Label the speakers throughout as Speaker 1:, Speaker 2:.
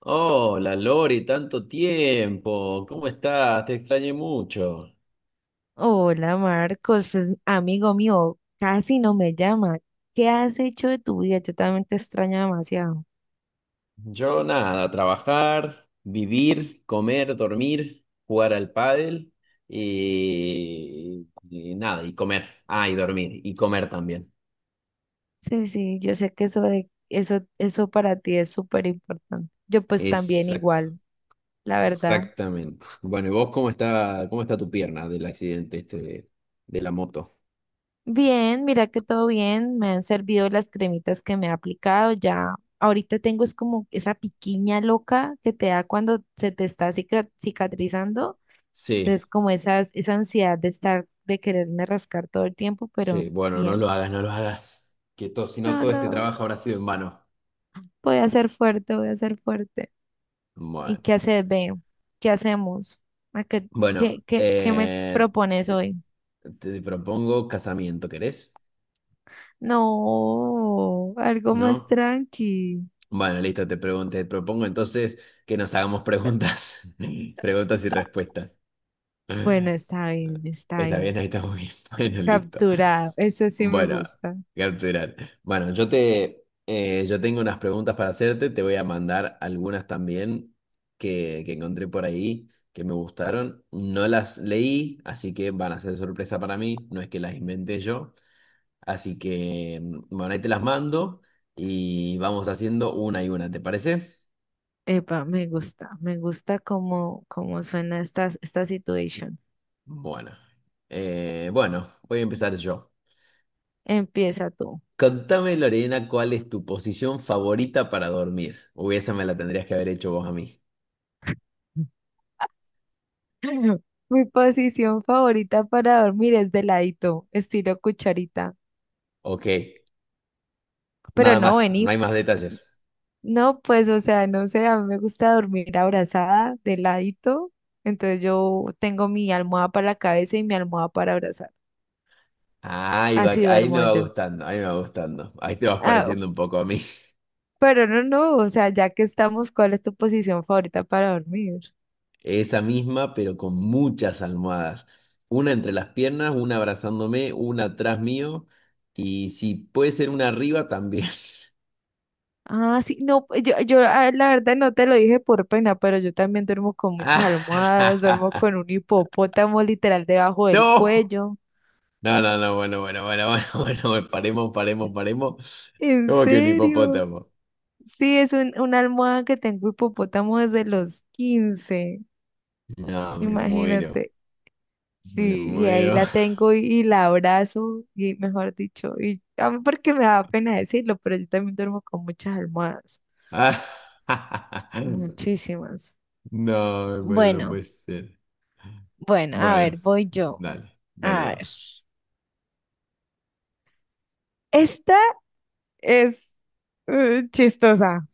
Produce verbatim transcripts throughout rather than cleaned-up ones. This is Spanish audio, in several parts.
Speaker 1: Hola Lori, tanto tiempo. ¿Cómo estás? Te extrañé mucho.
Speaker 2: Hola Marcos, pues, amigo mío, casi no me llama. ¿Qué has hecho de tu vida? Yo también te extraño demasiado.
Speaker 1: Yo nada, trabajar, vivir, comer, dormir, jugar al pádel y, y nada, y comer. Ah, y dormir, y comer también.
Speaker 2: Sí, sí, yo sé que eso de, eso, eso para ti es súper importante. Yo pues también
Speaker 1: Exacto,
Speaker 2: igual, la verdad.
Speaker 1: exactamente. Bueno, ¿y vos cómo está cómo está tu pierna del accidente este de, de la moto?
Speaker 2: Bien, mira que todo bien, me han servido las cremitas que me he aplicado, ya ahorita tengo es como esa piquiña loca que te da cuando se te está cica- cicatrizando, entonces
Speaker 1: Sí,
Speaker 2: como esas, esa ansiedad de estar, de quererme rascar todo el tiempo,
Speaker 1: sí,
Speaker 2: pero
Speaker 1: bueno, no
Speaker 2: bien.
Speaker 1: lo hagas, no lo hagas. Que todo, si no
Speaker 2: No,
Speaker 1: todo este
Speaker 2: no,
Speaker 1: trabajo habrá sido en vano.
Speaker 2: voy a ser fuerte, voy a ser fuerte. ¿Y
Speaker 1: Bueno.
Speaker 2: qué haces, ve? ¿Qué hacemos? ¿A qué,
Speaker 1: Bueno,
Speaker 2: qué, qué, qué me
Speaker 1: eh,
Speaker 2: propones hoy?
Speaker 1: te propongo casamiento, ¿querés?
Speaker 2: No, algo más
Speaker 1: ¿No?
Speaker 2: tranqui.
Speaker 1: Bueno, listo, te pregun- te propongo entonces que nos hagamos preguntas, preguntas y respuestas.
Speaker 2: Bueno, está bien, está
Speaker 1: Está bien,
Speaker 2: bien.
Speaker 1: ahí estamos bien. Bueno, listo.
Speaker 2: Capturado, eso sí me
Speaker 1: Bueno,
Speaker 2: gusta.
Speaker 1: capturar. Bueno, yo te, eh, yo tengo unas preguntas para hacerte, te voy a mandar algunas también que, que encontré por ahí, que me gustaron. No las leí, así que van a ser sorpresa para mí, no es que las inventé yo. Así que, mm, bueno, ahí te las mando y vamos haciendo una y una, ¿te parece?
Speaker 2: Epa, me gusta, me gusta cómo, cómo suena esta, esta situación.
Speaker 1: Bueno, eh, bueno, voy a empezar yo.
Speaker 2: Empieza tú.
Speaker 1: Contame, Lorena, ¿cuál es tu posición favorita para dormir? Uy, esa me la tendrías que haber hecho vos a mí.
Speaker 2: Mi posición favorita para dormir es de ladito, estilo cucharita.
Speaker 1: Ok,
Speaker 2: Pero
Speaker 1: nada
Speaker 2: no,
Speaker 1: más, no
Speaker 2: vení.
Speaker 1: hay más detalles.
Speaker 2: No, pues, o sea, no sé, a mí me gusta dormir abrazada, de ladito. Entonces yo tengo mi almohada para la cabeza y mi almohada para abrazar.
Speaker 1: Ahí va,
Speaker 2: Así
Speaker 1: ahí me
Speaker 2: duermo
Speaker 1: va
Speaker 2: yo.
Speaker 1: gustando, ahí me va gustando. Ahí te vas
Speaker 2: Ah,
Speaker 1: pareciendo un poco a mí.
Speaker 2: pero no, no, o sea, ya que estamos, ¿cuál es tu posición favorita para dormir?
Speaker 1: Esa misma, pero con muchas almohadas. Una entre las piernas, una abrazándome, una atrás mío. Y si puede ser una arriba también.
Speaker 2: Ah, sí, no, pues, yo, yo ah, la verdad no te lo dije por pena, pero yo también duermo con muchas almohadas, duermo con
Speaker 1: ¡Ah!
Speaker 2: un hipopótamo literal debajo del
Speaker 1: ¡No!
Speaker 2: cuello.
Speaker 1: No, no, no, bueno, bueno, bueno, bueno, bueno, bueno, paremos, paremos, paremos.
Speaker 2: ¿En
Speaker 1: ¿Cómo que un
Speaker 2: serio?
Speaker 1: hipopótamo?
Speaker 2: Sí, es un, una almohada que tengo hipopótamo desde los quince.
Speaker 1: No, me muero,
Speaker 2: Imagínate,
Speaker 1: me
Speaker 2: sí, y ahí
Speaker 1: muero.
Speaker 2: la tengo y, y la abrazo, y mejor dicho, y a mí porque me da pena decirlo, pero yo también duermo con muchas almohadas,
Speaker 1: Ah,
Speaker 2: muchísimas.
Speaker 1: No, me muero, no
Speaker 2: Bueno,
Speaker 1: puede ser.
Speaker 2: bueno, a
Speaker 1: Bueno,
Speaker 2: ver, voy yo.
Speaker 1: dale, dale
Speaker 2: A ver.
Speaker 1: vos.
Speaker 2: Esta es eh, chistosa,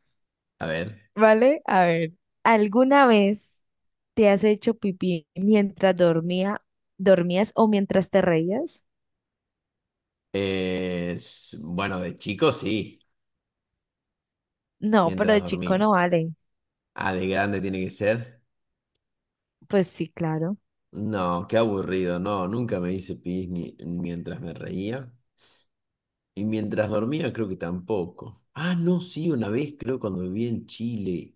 Speaker 1: A ver.
Speaker 2: ¿vale? A ver, ¿alguna vez te has hecho pipí mientras dormía, dormías o mientras te reías?
Speaker 1: Eh, s- bueno, de chico sí,
Speaker 2: No, pero
Speaker 1: mientras
Speaker 2: de chico no
Speaker 1: dormía.
Speaker 2: vale.
Speaker 1: Ah, de grande tiene que ser.
Speaker 2: Pues sí, claro.
Speaker 1: No, qué aburrido, no, nunca me hice pis ni mientras me reía. Y mientras dormía creo que tampoco. Ah, no, sí, una vez creo cuando viví en Chile.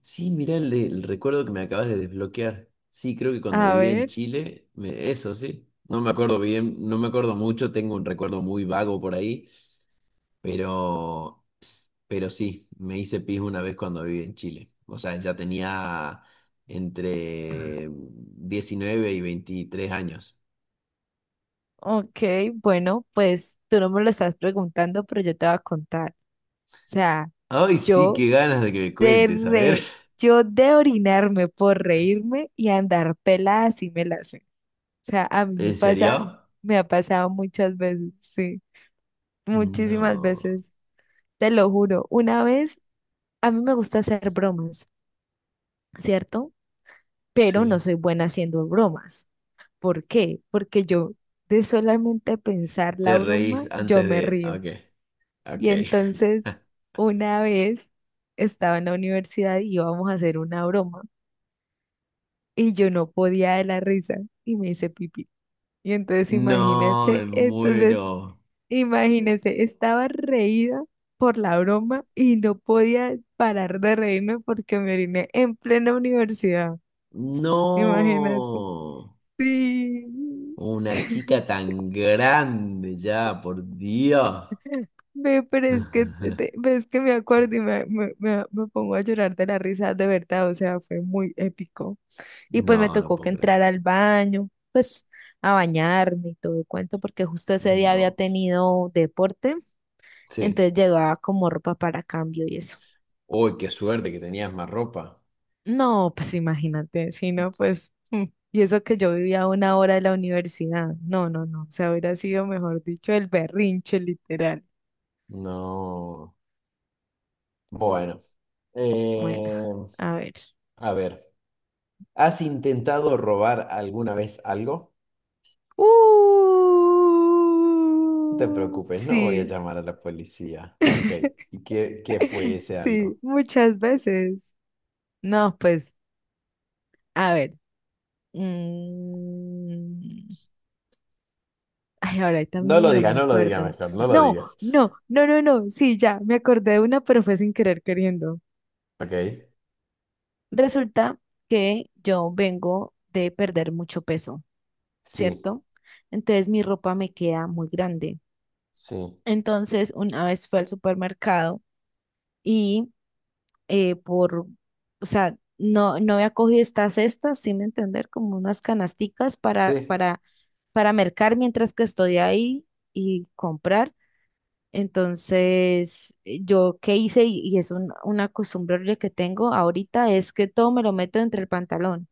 Speaker 1: Sí, mirá el, de- el recuerdo que me acabas de desbloquear. Sí, creo que cuando
Speaker 2: A
Speaker 1: vivía en
Speaker 2: ver.
Speaker 1: Chile, me- eso sí. No me acuerdo bien, no me acuerdo mucho, tengo un recuerdo muy vago por ahí, pero Pero sí, me hice pis una vez cuando viví en Chile. O sea, ya tenía entre diecinueve y veintitrés años.
Speaker 2: Ok, bueno, pues tú no me lo estás preguntando, pero yo te voy a contar. O sea,
Speaker 1: Ay, sí,
Speaker 2: yo
Speaker 1: qué ganas de que me
Speaker 2: de
Speaker 1: cuentes, a ver.
Speaker 2: re, yo de orinarme por reírme y andar pelada así me la sé. O sea, a mí me
Speaker 1: ¿En
Speaker 2: pasa,
Speaker 1: serio?
Speaker 2: me ha pasado muchas veces, sí, muchísimas
Speaker 1: No,
Speaker 2: veces, te lo juro. Una vez, a mí me gusta hacer bromas, ¿cierto? Pero no
Speaker 1: sí.
Speaker 2: soy buena haciendo bromas. ¿Por qué? Porque yo de solamente pensar la
Speaker 1: Te reís
Speaker 2: broma, yo
Speaker 1: antes
Speaker 2: me
Speaker 1: de...
Speaker 2: río.
Speaker 1: Ok, ok.
Speaker 2: Y entonces, una vez estaba en la universidad y íbamos a hacer una broma y yo no podía de la risa y me hice pipí. Y entonces,
Speaker 1: No, me
Speaker 2: imagínense, entonces,
Speaker 1: muero.
Speaker 2: imagínense, estaba reída por la broma y no podía parar de reírme porque me oriné en plena universidad. Imagínate.
Speaker 1: No.
Speaker 2: Sí.
Speaker 1: Una chica tan grande ya, por Dios.
Speaker 2: Ve, pero es que, te- te- ves que me acuerdo y me, me, me me pongo a llorar de la risa de verdad, o sea, fue muy épico. Y pues me
Speaker 1: No, no
Speaker 2: tocó que
Speaker 1: puedo creer.
Speaker 2: entrar al baño, pues a bañarme y todo el cuento, porque justo ese día había
Speaker 1: No.
Speaker 2: tenido deporte,
Speaker 1: Sí.
Speaker 2: entonces llegaba como ropa para cambio y eso.
Speaker 1: Uy, qué suerte que tenías más ropa.
Speaker 2: No, pues imagínate, si no, pues, mm, y eso que yo vivía a una hora de la universidad. No, no, no, o sea, hubiera sido, mejor dicho, el berrinche, literal.
Speaker 1: No. Bueno.
Speaker 2: Bueno,
Speaker 1: Eh,
Speaker 2: a ver.
Speaker 1: a ver. ¿Has intentado robar alguna vez algo? No te
Speaker 2: Uh,
Speaker 1: preocupes, no voy a
Speaker 2: sí,
Speaker 1: llamar a la policía. Ok. ¿Y qué, qué fue ese algo?
Speaker 2: sí, muchas veces. No, pues, a ver. Mm, Ay, ahorita
Speaker 1: No lo
Speaker 2: mismo no
Speaker 1: digas,
Speaker 2: me
Speaker 1: no lo digas
Speaker 2: acuerdo.
Speaker 1: mejor, no lo
Speaker 2: No,
Speaker 1: digas.
Speaker 2: no, no, no, no. Sí, ya, me acordé de una, pero fue sin querer queriendo.
Speaker 1: Ok.
Speaker 2: Resulta que yo vengo de perder mucho peso,
Speaker 1: Sí,
Speaker 2: ¿cierto? Entonces mi ropa me queda muy grande.
Speaker 1: sí,
Speaker 2: Entonces, una vez fue al supermercado y eh, por, o sea, no, no había cogido estas cestas, sin entender, como unas canasticas para,
Speaker 1: sí,
Speaker 2: para, para mercar mientras que estoy ahí y comprar. Entonces, eh, yo qué hice, y, y es un- una costumbre horrible que tengo ahorita, es que todo me lo meto entre el pantalón,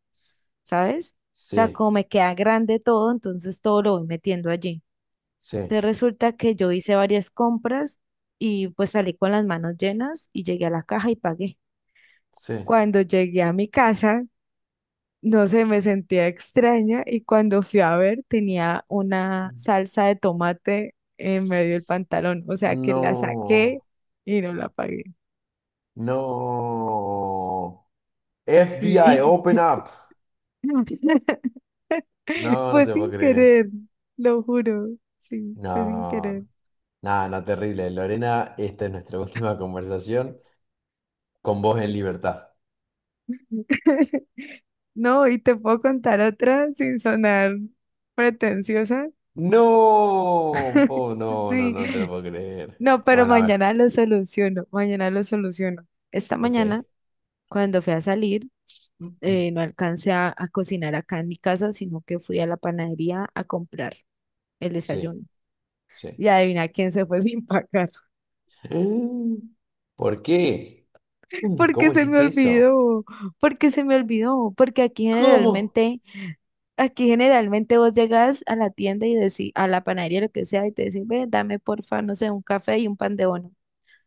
Speaker 2: ¿sabes? O sea,
Speaker 1: sí,
Speaker 2: como me queda grande todo, entonces todo lo voy metiendo allí.
Speaker 1: sí,
Speaker 2: Entonces resulta que yo hice varias compras y pues salí con las manos llenas y llegué a la caja y pagué.
Speaker 1: sí.
Speaker 2: Cuando llegué a mi casa, no sé, me sentía extraña y cuando fui a ver tenía una salsa de tomate en medio del pantalón, o sea que la saqué
Speaker 1: No,
Speaker 2: y no la pagué.
Speaker 1: no. F B I,
Speaker 2: Sí.
Speaker 1: open up. No, no
Speaker 2: Fue
Speaker 1: te puedo
Speaker 2: sin
Speaker 1: creer.
Speaker 2: querer, lo juro. Sí, fue sin querer.
Speaker 1: No, nada, no, terrible. Lorena, esta es nuestra última conversación con vos en libertad.
Speaker 2: No, y te puedo contar otra sin sonar pretenciosa.
Speaker 1: No, po- no, no,
Speaker 2: Sí,
Speaker 1: no te lo puedo creer.
Speaker 2: no, pero
Speaker 1: Bueno, a ver,
Speaker 2: mañana lo soluciono, mañana lo soluciono. Esta
Speaker 1: ok.
Speaker 2: mañana cuando fui a salir, eh, no alcancé a, a cocinar acá en mi casa, sino que fui a la panadería a comprar el
Speaker 1: Sí,
Speaker 2: desayuno.
Speaker 1: sí.
Speaker 2: Y adivina quién se fue sin pagar.
Speaker 1: ¿Por qué? Mm,
Speaker 2: Porque
Speaker 1: ¿cómo
Speaker 2: se me
Speaker 1: hiciste eso?
Speaker 2: olvidó, porque se me olvidó, porque aquí
Speaker 1: ¿Cómo?
Speaker 2: generalmente, aquí generalmente vos llegas a la tienda y decís, a la panadería, lo que sea, y te decís, ve, dame porfa, no sé, un café y un pan de bono.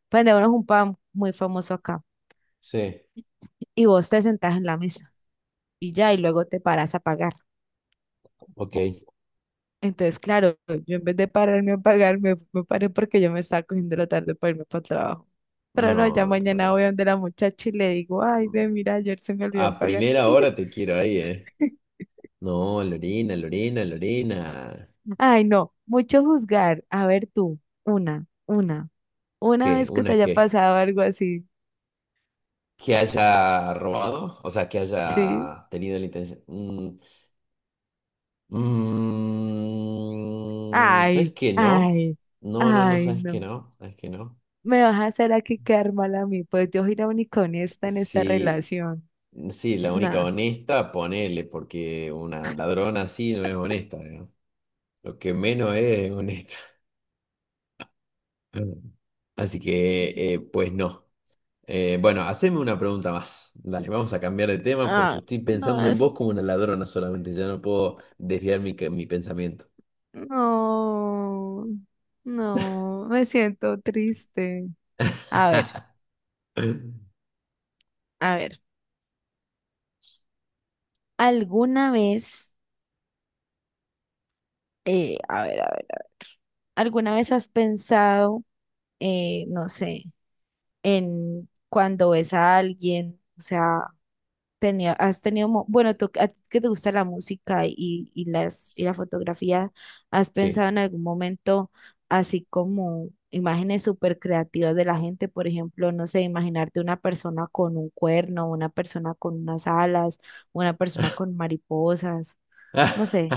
Speaker 2: Pan de bono es un pan muy famoso acá.
Speaker 1: Sí,
Speaker 2: Y vos te sentás en la mesa y ya, y luego te paras a pagar.
Speaker 1: ok.
Speaker 2: Entonces, claro, yo en vez de pararme a pagar, me, me paré porque yo me estaba cogiendo la tarde para irme para el trabajo. Pero no,
Speaker 1: No,
Speaker 2: ya
Speaker 1: no te puedo
Speaker 2: mañana
Speaker 1: creer.
Speaker 2: voy donde la muchacha y le digo, ay,
Speaker 1: Mm,
Speaker 2: ve, mira, ayer se me olvidó
Speaker 1: a
Speaker 2: pagar.
Speaker 1: primera
Speaker 2: Y ya.
Speaker 1: hora te quiero ahí, ¿eh? No, Lorena, Lorena, Lorena.
Speaker 2: Ay, no, mucho juzgar. A ver tú, una, una, una
Speaker 1: ¿Qué?
Speaker 2: vez que te
Speaker 1: ¿Una
Speaker 2: haya
Speaker 1: qué?
Speaker 2: pasado algo así,
Speaker 1: Que haya robado, o sea, que
Speaker 2: ¿sí?
Speaker 1: haya tenido la intención. Mm, mm, ¿sabes
Speaker 2: Ay,
Speaker 1: qué no?
Speaker 2: ay,
Speaker 1: No, no, no,
Speaker 2: ay,
Speaker 1: ¿sabes qué
Speaker 2: no.
Speaker 1: no? ¿Sabes qué no?
Speaker 2: Me vas a hacer aquí quedar mal a mí, pues yo soy la única honesta en esta
Speaker 1: Sí,
Speaker 2: relación.
Speaker 1: sí, la única
Speaker 2: No,
Speaker 1: honesta, ponele, porque una ladrona así no es honesta, ¿no? Lo que menos es honesta. Así que, eh, pues no. Eh, bueno, haceme una pregunta más. Dale, vamos a cambiar de tema porque
Speaker 2: ah,
Speaker 1: estoy pensando
Speaker 2: no,
Speaker 1: en vos como una ladrona solamente, ya no puedo desviar mi, mi pensamiento.
Speaker 2: no, no, me siento triste. A ver, a ver, ¿alguna vez, eh, a ver, a ver, a ver, ¿alguna vez has pensado, eh, no sé, en cuando ves a alguien, o sea, tenía, has tenido, mo- bueno, tú, a ti que te gusta la música y y las, y la fotografía, ¿has pensado
Speaker 1: Sí.
Speaker 2: en algún momento así como imágenes súper creativas de la gente? Por ejemplo, no sé, imaginarte una persona con un cuerno, una persona con unas alas, una persona con mariposas, no sé,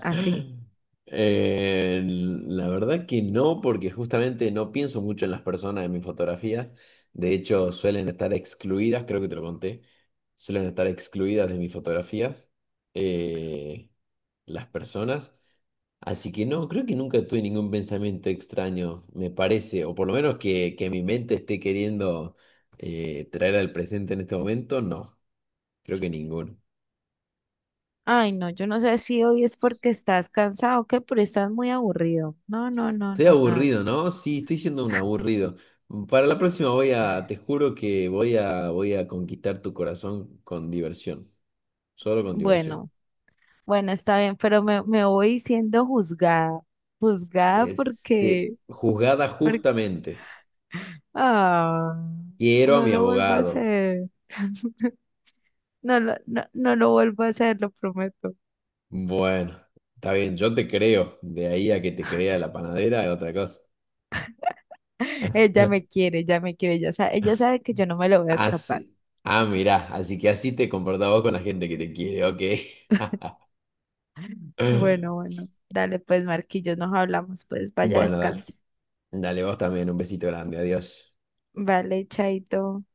Speaker 2: así.
Speaker 1: Eh, la verdad que no, porque justamente no pienso mucho en las personas en mis fotografías. De hecho, suelen estar excluidas, creo que te lo conté, suelen estar excluidas de mis fotografías, eh, las personas. Así que no, creo que nunca tuve ningún pensamiento extraño, me parece, o por lo menos que, que mi mente esté queriendo eh, traer al presente en este momento, no, creo que ninguno.
Speaker 2: Ay, no, yo no sé si hoy es porque estás cansado o qué, pero estás muy aburrido. No, no, no,
Speaker 1: Estoy
Speaker 2: no, no.
Speaker 1: aburrido, ¿no? Sí, estoy siendo un aburrido. Para la próxima voy a, te juro que voy a, voy a conquistar tu corazón con diversión, solo con diversión.
Speaker 2: Bueno. Bueno, está bien, pero me, me voy siendo juzgada. Juzgada
Speaker 1: Es, eh,
Speaker 2: porque,
Speaker 1: juzgada
Speaker 2: porque,
Speaker 1: justamente.
Speaker 2: ah,
Speaker 1: Quiero a
Speaker 2: no
Speaker 1: mi
Speaker 2: lo vuelvo a
Speaker 1: abogado.
Speaker 2: hacer. No lo, no, no lo vuelvo a hacer, lo prometo.
Speaker 1: Bueno, está bien, yo te creo. De ahí a que te crea la panadera es otra cosa.
Speaker 2: Ella me quiere, ella me quiere, ella sabe, ella sabe que yo no me lo voy a escapar.
Speaker 1: Así, ah, mirá, así que así te comportás vos con la gente que te quiere, ok.
Speaker 2: Bueno, bueno, dale pues, Marquillo, nos hablamos, pues, vaya,
Speaker 1: Bueno, dale,
Speaker 2: descanse.
Speaker 1: dale vos también, un besito grande, adiós.
Speaker 2: Vale, chaito.